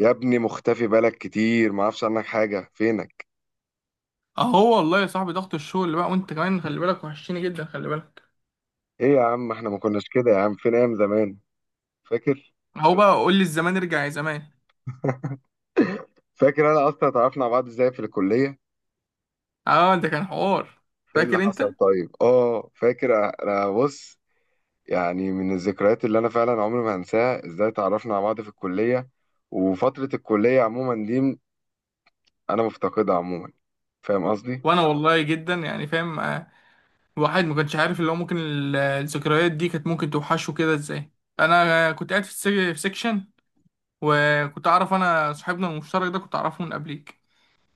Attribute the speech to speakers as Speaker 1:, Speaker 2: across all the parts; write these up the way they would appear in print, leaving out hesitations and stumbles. Speaker 1: يا ابني، مختفي بالك كتير، ما اعرفش عنك حاجة، فينك؟
Speaker 2: اهو والله يا صاحبي، ضغط الشغل بقى. وانت كمان خلي بالك، وحشتني جدا. خلي بالك.
Speaker 1: ايه يا عم، احنا ما كناش كده يا عم. فين ايام زمان؟ فاكر؟
Speaker 2: اهو بقى قول لي، الزمان ارجع يا زمان.
Speaker 1: فاكر انا اصلا اتعرفنا على بعض ازاي في الكلية؟
Speaker 2: اه، ده كان حوار.
Speaker 1: ايه اللي
Speaker 2: فاكر انت؟
Speaker 1: حصل؟ طيب، فاكر. انا بص، يعني من الذكريات اللي انا فعلا عمري ما هنساها ازاي اتعرفنا على بعض في الكلية. وفترة الكلية عموما دي انا مفتقدها عموما. فاهم قصدي؟
Speaker 2: وانا والله جدا يعني فاهم. الواحد ما كانش عارف اللي هو ممكن الذكريات دي كانت ممكن توحشه كده ازاي. انا كنت قاعد في في سيكشن، وكنت اعرف انا صاحبنا المشترك ده، كنت اعرفه من قبليك.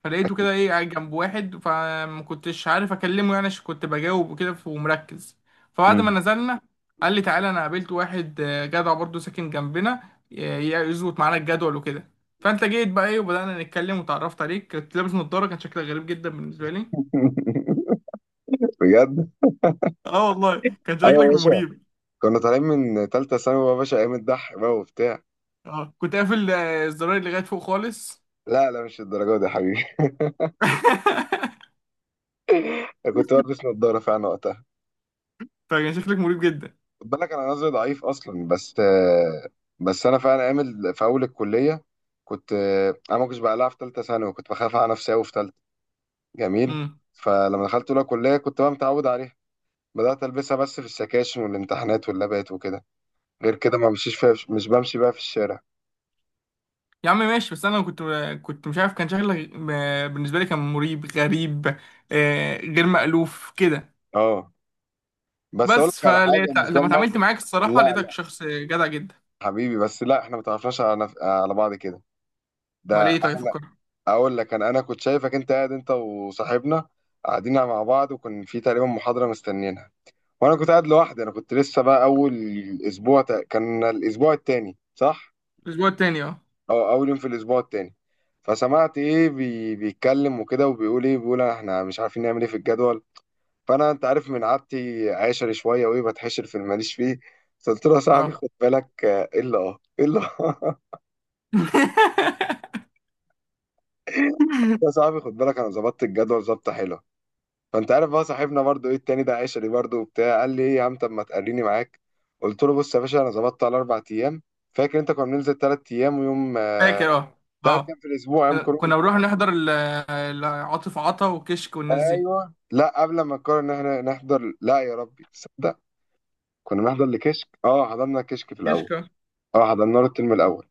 Speaker 2: فلقيته كده ايه قاعد جنب واحد، فما كنتش عارف اكلمه يعني عشان كنت بجاوب وكده ومركز. فبعد ما
Speaker 1: مم.
Speaker 2: نزلنا، قال لي تعالى انا قابلت واحد جدع برضه ساكن جنبنا يظبط معانا الجدول وكده. فانت جيت بقى ايه وبدأنا نتكلم وتعرفت عليك، كنت لابس نضارة، كان شكلك غريب جدا بالنسبة لي.
Speaker 1: بجد.
Speaker 2: اه والله كان
Speaker 1: ايوه
Speaker 2: شكلك
Speaker 1: يا باشا،
Speaker 2: مريب.
Speaker 1: كنا طالعين من تالتة ثانوي يا باشا. ايام الضحك بقى وبتاع.
Speaker 2: اه كنت قافل الزراير اللي لغاية فوق خالص.
Speaker 1: لا لا، مش الدرجة دي يا حبيبي. كنت بلبس نظارة فعلا وقتها.
Speaker 2: فكان شكلك مريب جدا.
Speaker 1: خد بالك انا نظري ضعيف اصلا، بس بس انا فعلا عامل في اول الكلية. كنت انا ما كنتش بقلعها في ثالثة ثانوي، وكنت بخاف على نفسي قوي في ثالثة. جميل.
Speaker 2: مم.
Speaker 1: فلما دخلت اولى كلية كنت بقى متعود عليها. بدأت ألبسها بس في السكاشن والامتحانات واللابات وكده. غير كده ما بمشيش فيها، مش بمشي بقى في الشارع.
Speaker 2: يا عم ماشي، بس انا كنت مش عارف، كان شكلك بالنسبه لي كان مريب غريب. غير مألوف كده.
Speaker 1: اه. بس أقول
Speaker 2: بس
Speaker 1: لك على حاجة،
Speaker 2: فلقيت
Speaker 1: مش ده
Speaker 2: لما اتعاملت
Speaker 1: الموقف.
Speaker 2: معاك الصراحه
Speaker 1: لا
Speaker 2: لقيتك
Speaker 1: لا
Speaker 2: شخص جدع جدا.
Speaker 1: حبيبي، بس لا، احنا ما تعرفناش على على بعض كده.
Speaker 2: امال
Speaker 1: ده
Speaker 2: ايه؟ طيب
Speaker 1: احنا،
Speaker 2: فكر.
Speaker 1: اقول لك انا كنت شايفك انت قاعد انت وصاحبنا قاعدين مع بعض، وكان في تقريبا محاضره مستنينها. وانا كنت قاعد لوحدي. انا كنت لسه بقى اول اسبوع، كان الاسبوع التاني، صح؟
Speaker 2: الاسبوع التاني اه.
Speaker 1: او اول يوم في الاسبوع التاني. فسمعت ايه، بيتكلم وكده، وبيقول ايه، بيقول احنا مش عارفين نعمل ايه في الجدول. فانا، انت عارف من عادتي، عاشر شويه، وايه، بتحشر في اللي ماليش فيه. قلت له يا صاحبي
Speaker 2: اه.
Speaker 1: خد بالك آه، الا اه الا آه. يا صاحبي خد بالك، انا ظبطت الجدول ظبطه حلوه. فانت عارف بقى صاحبنا برضو ايه التاني ده، عشري برضو وبتاع، قال لي ايه يا عم، طب ما تقريني معاك. قلت له بص يا باشا، انا ظبطت على اربع ايام. فاكر انت كنا بننزل ثلاث ايام ويوم؟
Speaker 2: فاكر اه.
Speaker 1: ثلاث
Speaker 2: اه
Speaker 1: ايام في الاسبوع، ايام كورونا.
Speaker 2: كنا بنروح نحضر عاطف عطا وكشك والناس دي.
Speaker 1: ايوه، لا قبل ما نقرر ان احنا نحضر، لا يا ربي تصدق، كنا بنحضر لكشك. اه، حضرنا كشك في الاول.
Speaker 2: كشك
Speaker 1: اه حضرنا له الترم الاول.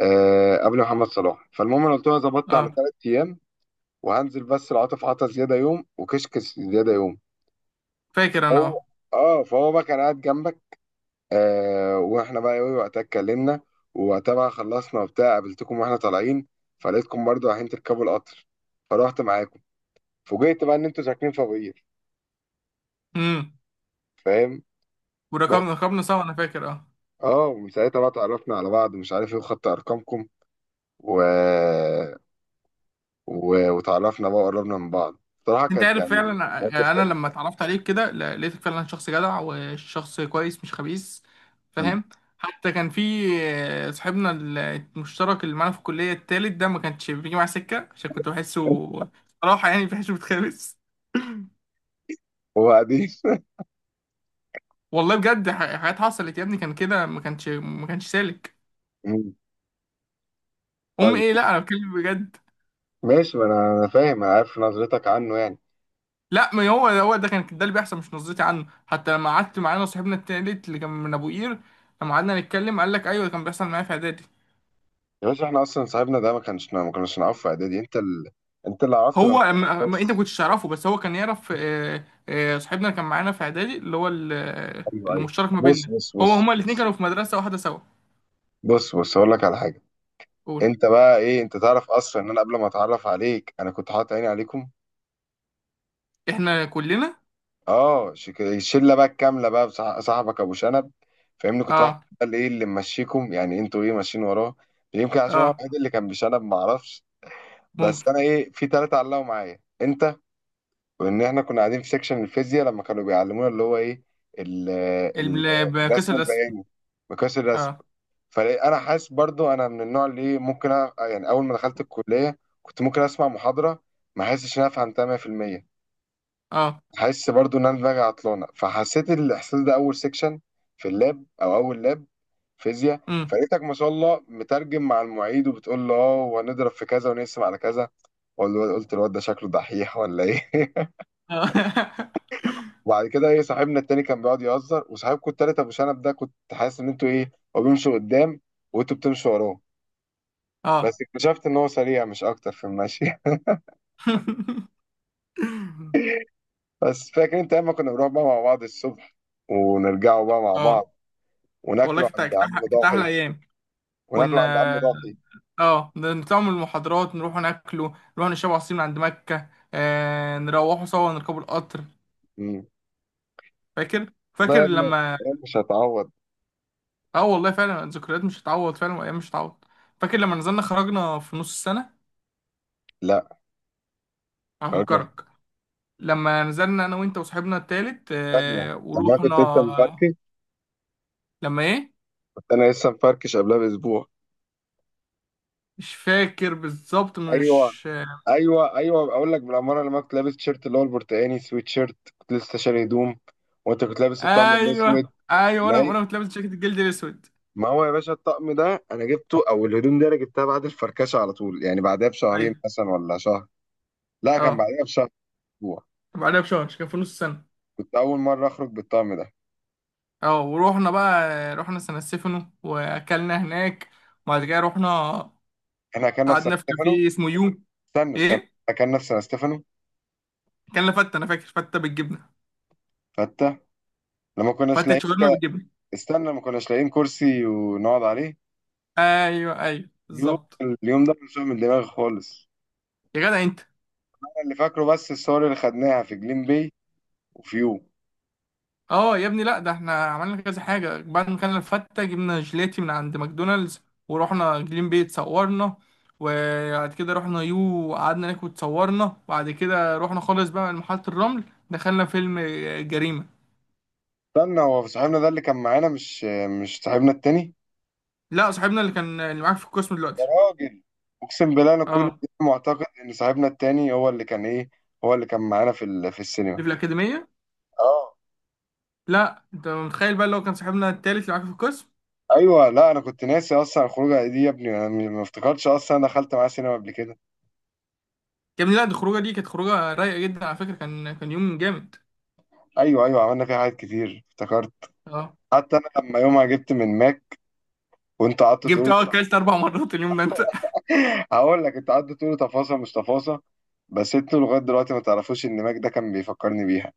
Speaker 1: قبل محمد صلاح. فالمهم انا قلت له أنا ظبطت على
Speaker 2: اه.
Speaker 1: ثلاث ايام، وهنزل بس العاطف عطا زياده يوم وكشك زياده يوم.
Speaker 2: فاكر انا
Speaker 1: هو
Speaker 2: اه.
Speaker 1: اه فهو بقى كان قاعد جنبك. واحنا بقى ايه وقتها اتكلمنا. ووقتها بقى خلصنا وبتاع قابلتكم واحنا طالعين. فلقيتكم برضه رايحين تركبوا القطر، فرحت معاكم. فوجئت بقى ان انتوا ساكنين في ابوير.
Speaker 2: امم.
Speaker 1: فاهم؟ بس
Speaker 2: وركبنا سوا انا فاكر اه.
Speaker 1: اه ومن ساعتها بقى اتعرفنا على بعض، مش عارف ايه، وخدت ارقامكم و... وتعرفنا بقى وقربنا من بعض. بصراحه
Speaker 2: انت
Speaker 1: كانت
Speaker 2: عارف
Speaker 1: يعني
Speaker 2: فعلا،
Speaker 1: موقف
Speaker 2: انا
Speaker 1: حلو.
Speaker 2: لما اتعرفت عليك كده لقيتك فعلا شخص جدع وشخص كويس مش خبيث.
Speaker 1: حلو.
Speaker 2: فاهم. حتى كان في صاحبنا المشترك اللي معانا في الكليه التالت ده، ما كانش بيجي معاه سكه عشان كنت بحسه صراحه يعني بحسه بيتخابس.
Speaker 1: وبعدين؟
Speaker 2: والله بجد حاجات حصلت يا ابني، كان كده ما كانش سالك.
Speaker 1: طيب.
Speaker 2: ايه، لا انا بتكلم بجد.
Speaker 1: ماشي، ما أنا فاهم، انا عارف نظرتك عنه يعني.
Speaker 2: لا، ما هو هو ده كان ده اللي بيحصل مش نظرتي عنه. حتى لما قعدت معانا صاحبنا التالت اللي كان من ابو قير، لما قعدنا نتكلم قال لك ايوه ده كان بيحصل معايا في اعدادي.
Speaker 1: يا باشا، احنا اصلا صاحبنا ده ما كناش نعرفه في اعدادي. انت اللي عرفته
Speaker 2: هو
Speaker 1: لما،
Speaker 2: انت ما
Speaker 1: بص.
Speaker 2: كنتش تعرفه، بس هو كان يعرف صاحبنا اللي كان معانا في اعدادي اللي هو
Speaker 1: ايوه
Speaker 2: اللي
Speaker 1: ايوه.
Speaker 2: مشترك ما
Speaker 1: بص
Speaker 2: بيننا.
Speaker 1: بص
Speaker 2: هو
Speaker 1: بص
Speaker 2: هما الاثنين
Speaker 1: بص.
Speaker 2: كانوا في مدرسه واحده سوا.
Speaker 1: بص بص، اقول لك على حاجه.
Speaker 2: قول.
Speaker 1: انت بقى ايه؟ انت تعرف اصلا ان انا قبل ما اتعرف عليك انا كنت حاطط عيني عليكم؟
Speaker 2: احنا كلنا.
Speaker 1: اه، الشله بقى الكامله بقى، صاحبك ابو شنب. فاهمني؟ كنت واحد،
Speaker 2: اه.
Speaker 1: ده اللي ايه اللي ممشيكم يعني، انتوا ايه ماشيين وراه. يمكن عشان هو
Speaker 2: اه
Speaker 1: الوحيد اللي كان بشنب، ما اعرفش. بس
Speaker 2: ممكن
Speaker 1: انا ايه، في ثلاثه علقوا معايا انت. وان احنا كنا قاعدين في سيكشن الفيزياء لما كانوا بيعلمونا اللي هو ايه ال- ال-
Speaker 2: بكسر
Speaker 1: الرسم
Speaker 2: الرسم.
Speaker 1: البياني، مقياس الرسم.
Speaker 2: اه.
Speaker 1: فانا حاسس برضو انا من النوع اللي ممكن، يعني اول ما دخلت الكليه كنت ممكن اسمع محاضره ما حاسسش ان انا فهمتها 100%.
Speaker 2: اه.
Speaker 1: حاسس برضو ان انا دماغي عطلانه. فحسيت الاحساس ده اول سيكشن في اللاب، او اول لاب فيزياء.
Speaker 2: امم.
Speaker 1: فلقيتك ما شاء الله مترجم مع المعيد، وبتقول له اه، وهنضرب في كذا ونقسم على كذا. وقلت الواد ده شكله دحيح ولا ايه.
Speaker 2: اه.
Speaker 1: وبعد كده ايه، صاحبنا التاني كان بيقعد يهزر، وصاحبكم التالت ابو شنب ده كنت حاسس ان انتوا ايه، هو بيمشي قدام وانتوا بتمشوا وراه.
Speaker 2: اه.
Speaker 1: بس اكتشفت ان هو سريع مش اكتر في المشي. بس فاكر انت اما كنا بنروح بقى مع بعض الصبح، ونرجعوا بقى مع بعض،
Speaker 2: اه والله،
Speaker 1: وناكلوا
Speaker 2: كانت
Speaker 1: عند
Speaker 2: كانت
Speaker 1: عم
Speaker 2: أحلى كانت أحلى
Speaker 1: ضاحي،
Speaker 2: ايام. كنا
Speaker 1: وناكلوا عند عم ضاحي.
Speaker 2: اه، نطلع من المحاضرات نروح ناكله، نروح نشرب عصير من عند مكه، نروحوا سوا نركبوا القطر.
Speaker 1: امم.
Speaker 2: فاكر
Speaker 1: والله
Speaker 2: فاكر
Speaker 1: يا ابني
Speaker 2: لما.
Speaker 1: أيام مش هتعوض.
Speaker 2: اه والله فعلا الذكريات مش هتعوض فعلا، وايام مش هتعوض. فاكر لما نزلنا خرجنا في نص السنه؟
Speaker 1: لا. خرجنا
Speaker 2: هفكرك. لما نزلنا انا وانت وصاحبنا التالت
Speaker 1: خرجنا لما أنا
Speaker 2: ورحنا.
Speaker 1: كنت لسه مفركش.
Speaker 2: لما ايه؟
Speaker 1: كنت انا لسه مفركش قبلها باسبوع.
Speaker 2: مش فاكر بالظبط
Speaker 1: ايوه
Speaker 2: مش
Speaker 1: ايوه ايوه، اقول لك بالاماره، لما كنت لابس تيشيرت اللي هو البرتقاني سويت شيرت، كنت لسه شاري هدوم. وانت كنت لابس الطقم
Speaker 2: ايوه
Speaker 1: الاسود.
Speaker 2: ايوه.
Speaker 1: ما
Speaker 2: وانا
Speaker 1: هي-
Speaker 2: وانا كنت لابس جاكيت الجلد الاسود.
Speaker 1: ما هو يا باشا، الطقم ده انا جبته، او الهدوم دي انا جبتها بعد الفركشه على طول يعني، بعدها بشهرين
Speaker 2: ايوه.
Speaker 1: مثلا ولا شهر. لا كان
Speaker 2: اه.
Speaker 1: بعدها بشهر، اسبوع.
Speaker 2: بعدها بشهر كان في نص السنه.
Speaker 1: كنت اول مره اخرج بالطقم ده.
Speaker 2: اه ورحنا بقى. رحنا سان ستيفانو واكلنا هناك، وبعد كده رحنا.
Speaker 1: احنا كنا في سان
Speaker 2: قعدنا في
Speaker 1: ستيفانو.
Speaker 2: كافيه اسمه يو.
Speaker 1: استنى استنى.
Speaker 2: ايه؟
Speaker 1: احنا كنا في سان ستيفانو،
Speaker 2: كان فته، انا فاكر فته بالجبنه.
Speaker 1: حتى لما كناش
Speaker 2: فته
Speaker 1: لاقيين،
Speaker 2: شاورما بالجبنه.
Speaker 1: استنى، ما كناش لاقيين كرسي ونقعد عليه.
Speaker 2: ايوه ايوه
Speaker 1: اليوم
Speaker 2: بالظبط.
Speaker 1: اليوم ده مش من دماغي خالص.
Speaker 2: يا جدع انت.
Speaker 1: انا اللي فاكره بس الصور اللي خدناها في جليم باي وفيو.
Speaker 2: اه يا ابني، لا ده احنا عملنا كذا حاجه. بعد ما كان الفته جبنا جيلاتي من عند ماكدونالدز، ورحنا جليم بي اتصورنا، وبعد كده رحنا يو وقعدنا ناكل اتصورنا، وبعد كده رحنا خالص بقى لمحطه الرمل. دخلنا فيلم جريمه.
Speaker 1: استنى، هو صاحبنا ده اللي كان معانا مش صاحبنا التاني؟
Speaker 2: لا صاحبنا اللي كان اللي معاك في القسم
Speaker 1: يا
Speaker 2: دلوقتي.
Speaker 1: راجل، اقسم بالله انا كل
Speaker 2: اه
Speaker 1: ده معتقد ان صاحبنا التاني هو اللي كان ايه، هو اللي كان معانا في
Speaker 2: اللي
Speaker 1: السينما.
Speaker 2: في الاكاديميه.
Speaker 1: اه.
Speaker 2: لا انت متخيل بقى اللي هو كان صاحبنا التالت اللي معاك في القسم.
Speaker 1: ايوه، لا انا كنت ناسي اصلا الخروجه دي يا ابني. انا ما افتكرتش اصلا انا دخلت معاه سينما قبل كده.
Speaker 2: يا ابني، لا دي الخروجه دي كانت خروجه رايقه جدا على فكره، كان يوم جامد.
Speaker 1: ايوه ايوه عملنا فيها حاجات كتير، افتكرت.
Speaker 2: اه.
Speaker 1: حتى انا لما يومها جبت من ماك، وانت قعدت
Speaker 2: جبت
Speaker 1: تقول.
Speaker 2: اه اكلت 4 مرات اليوم ده انت.
Speaker 1: هقول لك، انت قعدت تقول تفاصيل مش تفاصيل، بس انتوا لغايه دلوقتي ما تعرفوش ان ماك ده كان بيفكرني بيها.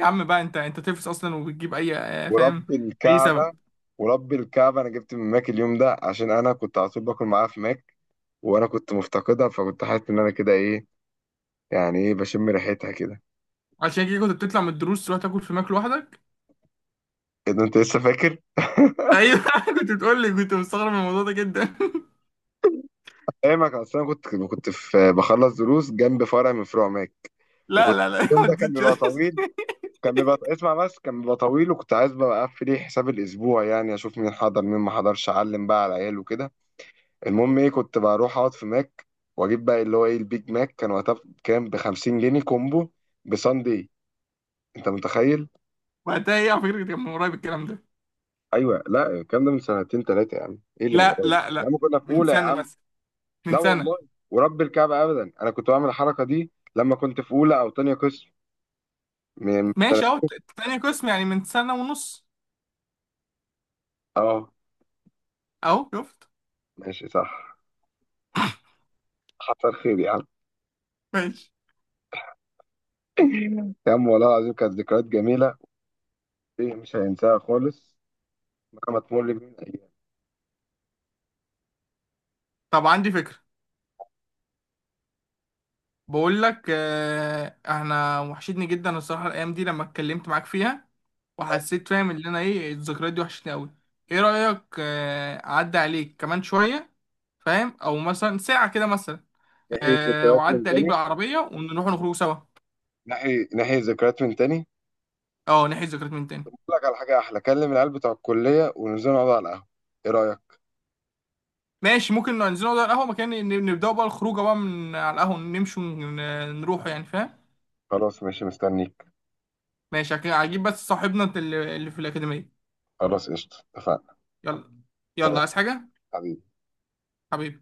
Speaker 2: يا عم بقى انت تفس اصلا وبتجيب اي فاهم.
Speaker 1: ورب
Speaker 2: اي
Speaker 1: الكعبة،
Speaker 2: سبب.
Speaker 1: ورب الكعبة أنا جبت من ماك اليوم ده عشان أنا كنت على طول باكل معاها في ماك. وأنا كنت مفتقدها، فكنت حاسس إن أنا كده إيه، يعني إيه، بشم ريحتها كده.
Speaker 2: عشان كده كنت بتطلع من الدروس تروح تاكل في ماك لوحدك؟
Speaker 1: إيه ده، أنت لسه فاكر؟
Speaker 2: ايوه. كنت بتقول لي، كنت مستغرب من الموضوع ده جدا.
Speaker 1: أيامك، أصل أنا كنت في بخلص دروس جنب فرع من فروع ماك.
Speaker 2: لا
Speaker 1: وكنت،
Speaker 2: لا لا.
Speaker 1: اليوم
Speaker 2: ما
Speaker 1: ده كان
Speaker 2: تزيدش
Speaker 1: بيبقى
Speaker 2: بس.
Speaker 1: طويل، كان بيبقى اسمع بس، كان بيبقى طويل، وكنت عايز بقى أقفل حساب الأسبوع، يعني أشوف مين حضر مين ما حضرش، أعلم بقى على العيال وكده. المهم كنت بروح اقعد في ماك، واجيب بقى اللي هو ايه البيج ماك. كان وقتها بكام؟ ب 50 جنيه كومبو بساندي. انت متخيل؟
Speaker 2: وقتها؟ ايه على فكره كان من قريب الكلام ده.
Speaker 1: ايوه، لا الكلام ده من سنتين ثلاثه يا عم، ايه اللي من
Speaker 2: لا
Speaker 1: قريب
Speaker 2: لا
Speaker 1: يا
Speaker 2: لا،
Speaker 1: عم، كنا في
Speaker 2: من
Speaker 1: اولى يا
Speaker 2: سنه
Speaker 1: عم.
Speaker 2: مثلا،
Speaker 1: لا
Speaker 2: من سنه.
Speaker 1: والله، ورب الكعبه ابدا، انا كنت بعمل الحركه دي لما كنت في اولى او تانية قسم. من
Speaker 2: ماشي، اهو تاني قسم يعني من سنه ونص.
Speaker 1: اه
Speaker 2: اهو شفت.
Speaker 1: ماشي، صح. حصل خير يا عم.
Speaker 2: ماشي.
Speaker 1: يا عم والله العظيم، كانت ذكريات جميله. ايه، مش هينساها خالص مهما تمر بينا الايام.
Speaker 2: طب عندي فكره. بقول لك احنا وحشتني جدا الصراحه الايام دي لما اتكلمت معاك فيها، وحسيت فاهم ان انا ايه الذكريات دي وحشتني قوي. ايه رايك اعدي عليك كمان شويه فاهم، او مثلا ساعه كده مثلا؟
Speaker 1: نحيي
Speaker 2: أه
Speaker 1: ذكريات من
Speaker 2: واعدي عليك
Speaker 1: تاني.
Speaker 2: بالعربيه ونروح نخرج سوا.
Speaker 1: نحيي ذكريات من تاني.
Speaker 2: اه نحيي الذكريات من تاني.
Speaker 1: أقول لك على حاجة أحلى، كلم العيال بتوع الكلية وننزل نقعد على القهوة، إيه رأيك؟
Speaker 2: ماشي ممكن ننزل نقعد على القهوه، مكان نبداوا بقى الخروجه بقى من على القهوه، نمشي ونروح يعني فاهم.
Speaker 1: خلاص ماشي، مستنيك.
Speaker 2: ماشي هجيب بس صاحبنا اللي في الاكاديميه.
Speaker 1: خلاص قشطة، اتفقنا.
Speaker 2: يلا.
Speaker 1: سلام
Speaker 2: يلا عايز حاجه؟
Speaker 1: حبيبي.
Speaker 2: حبيبي.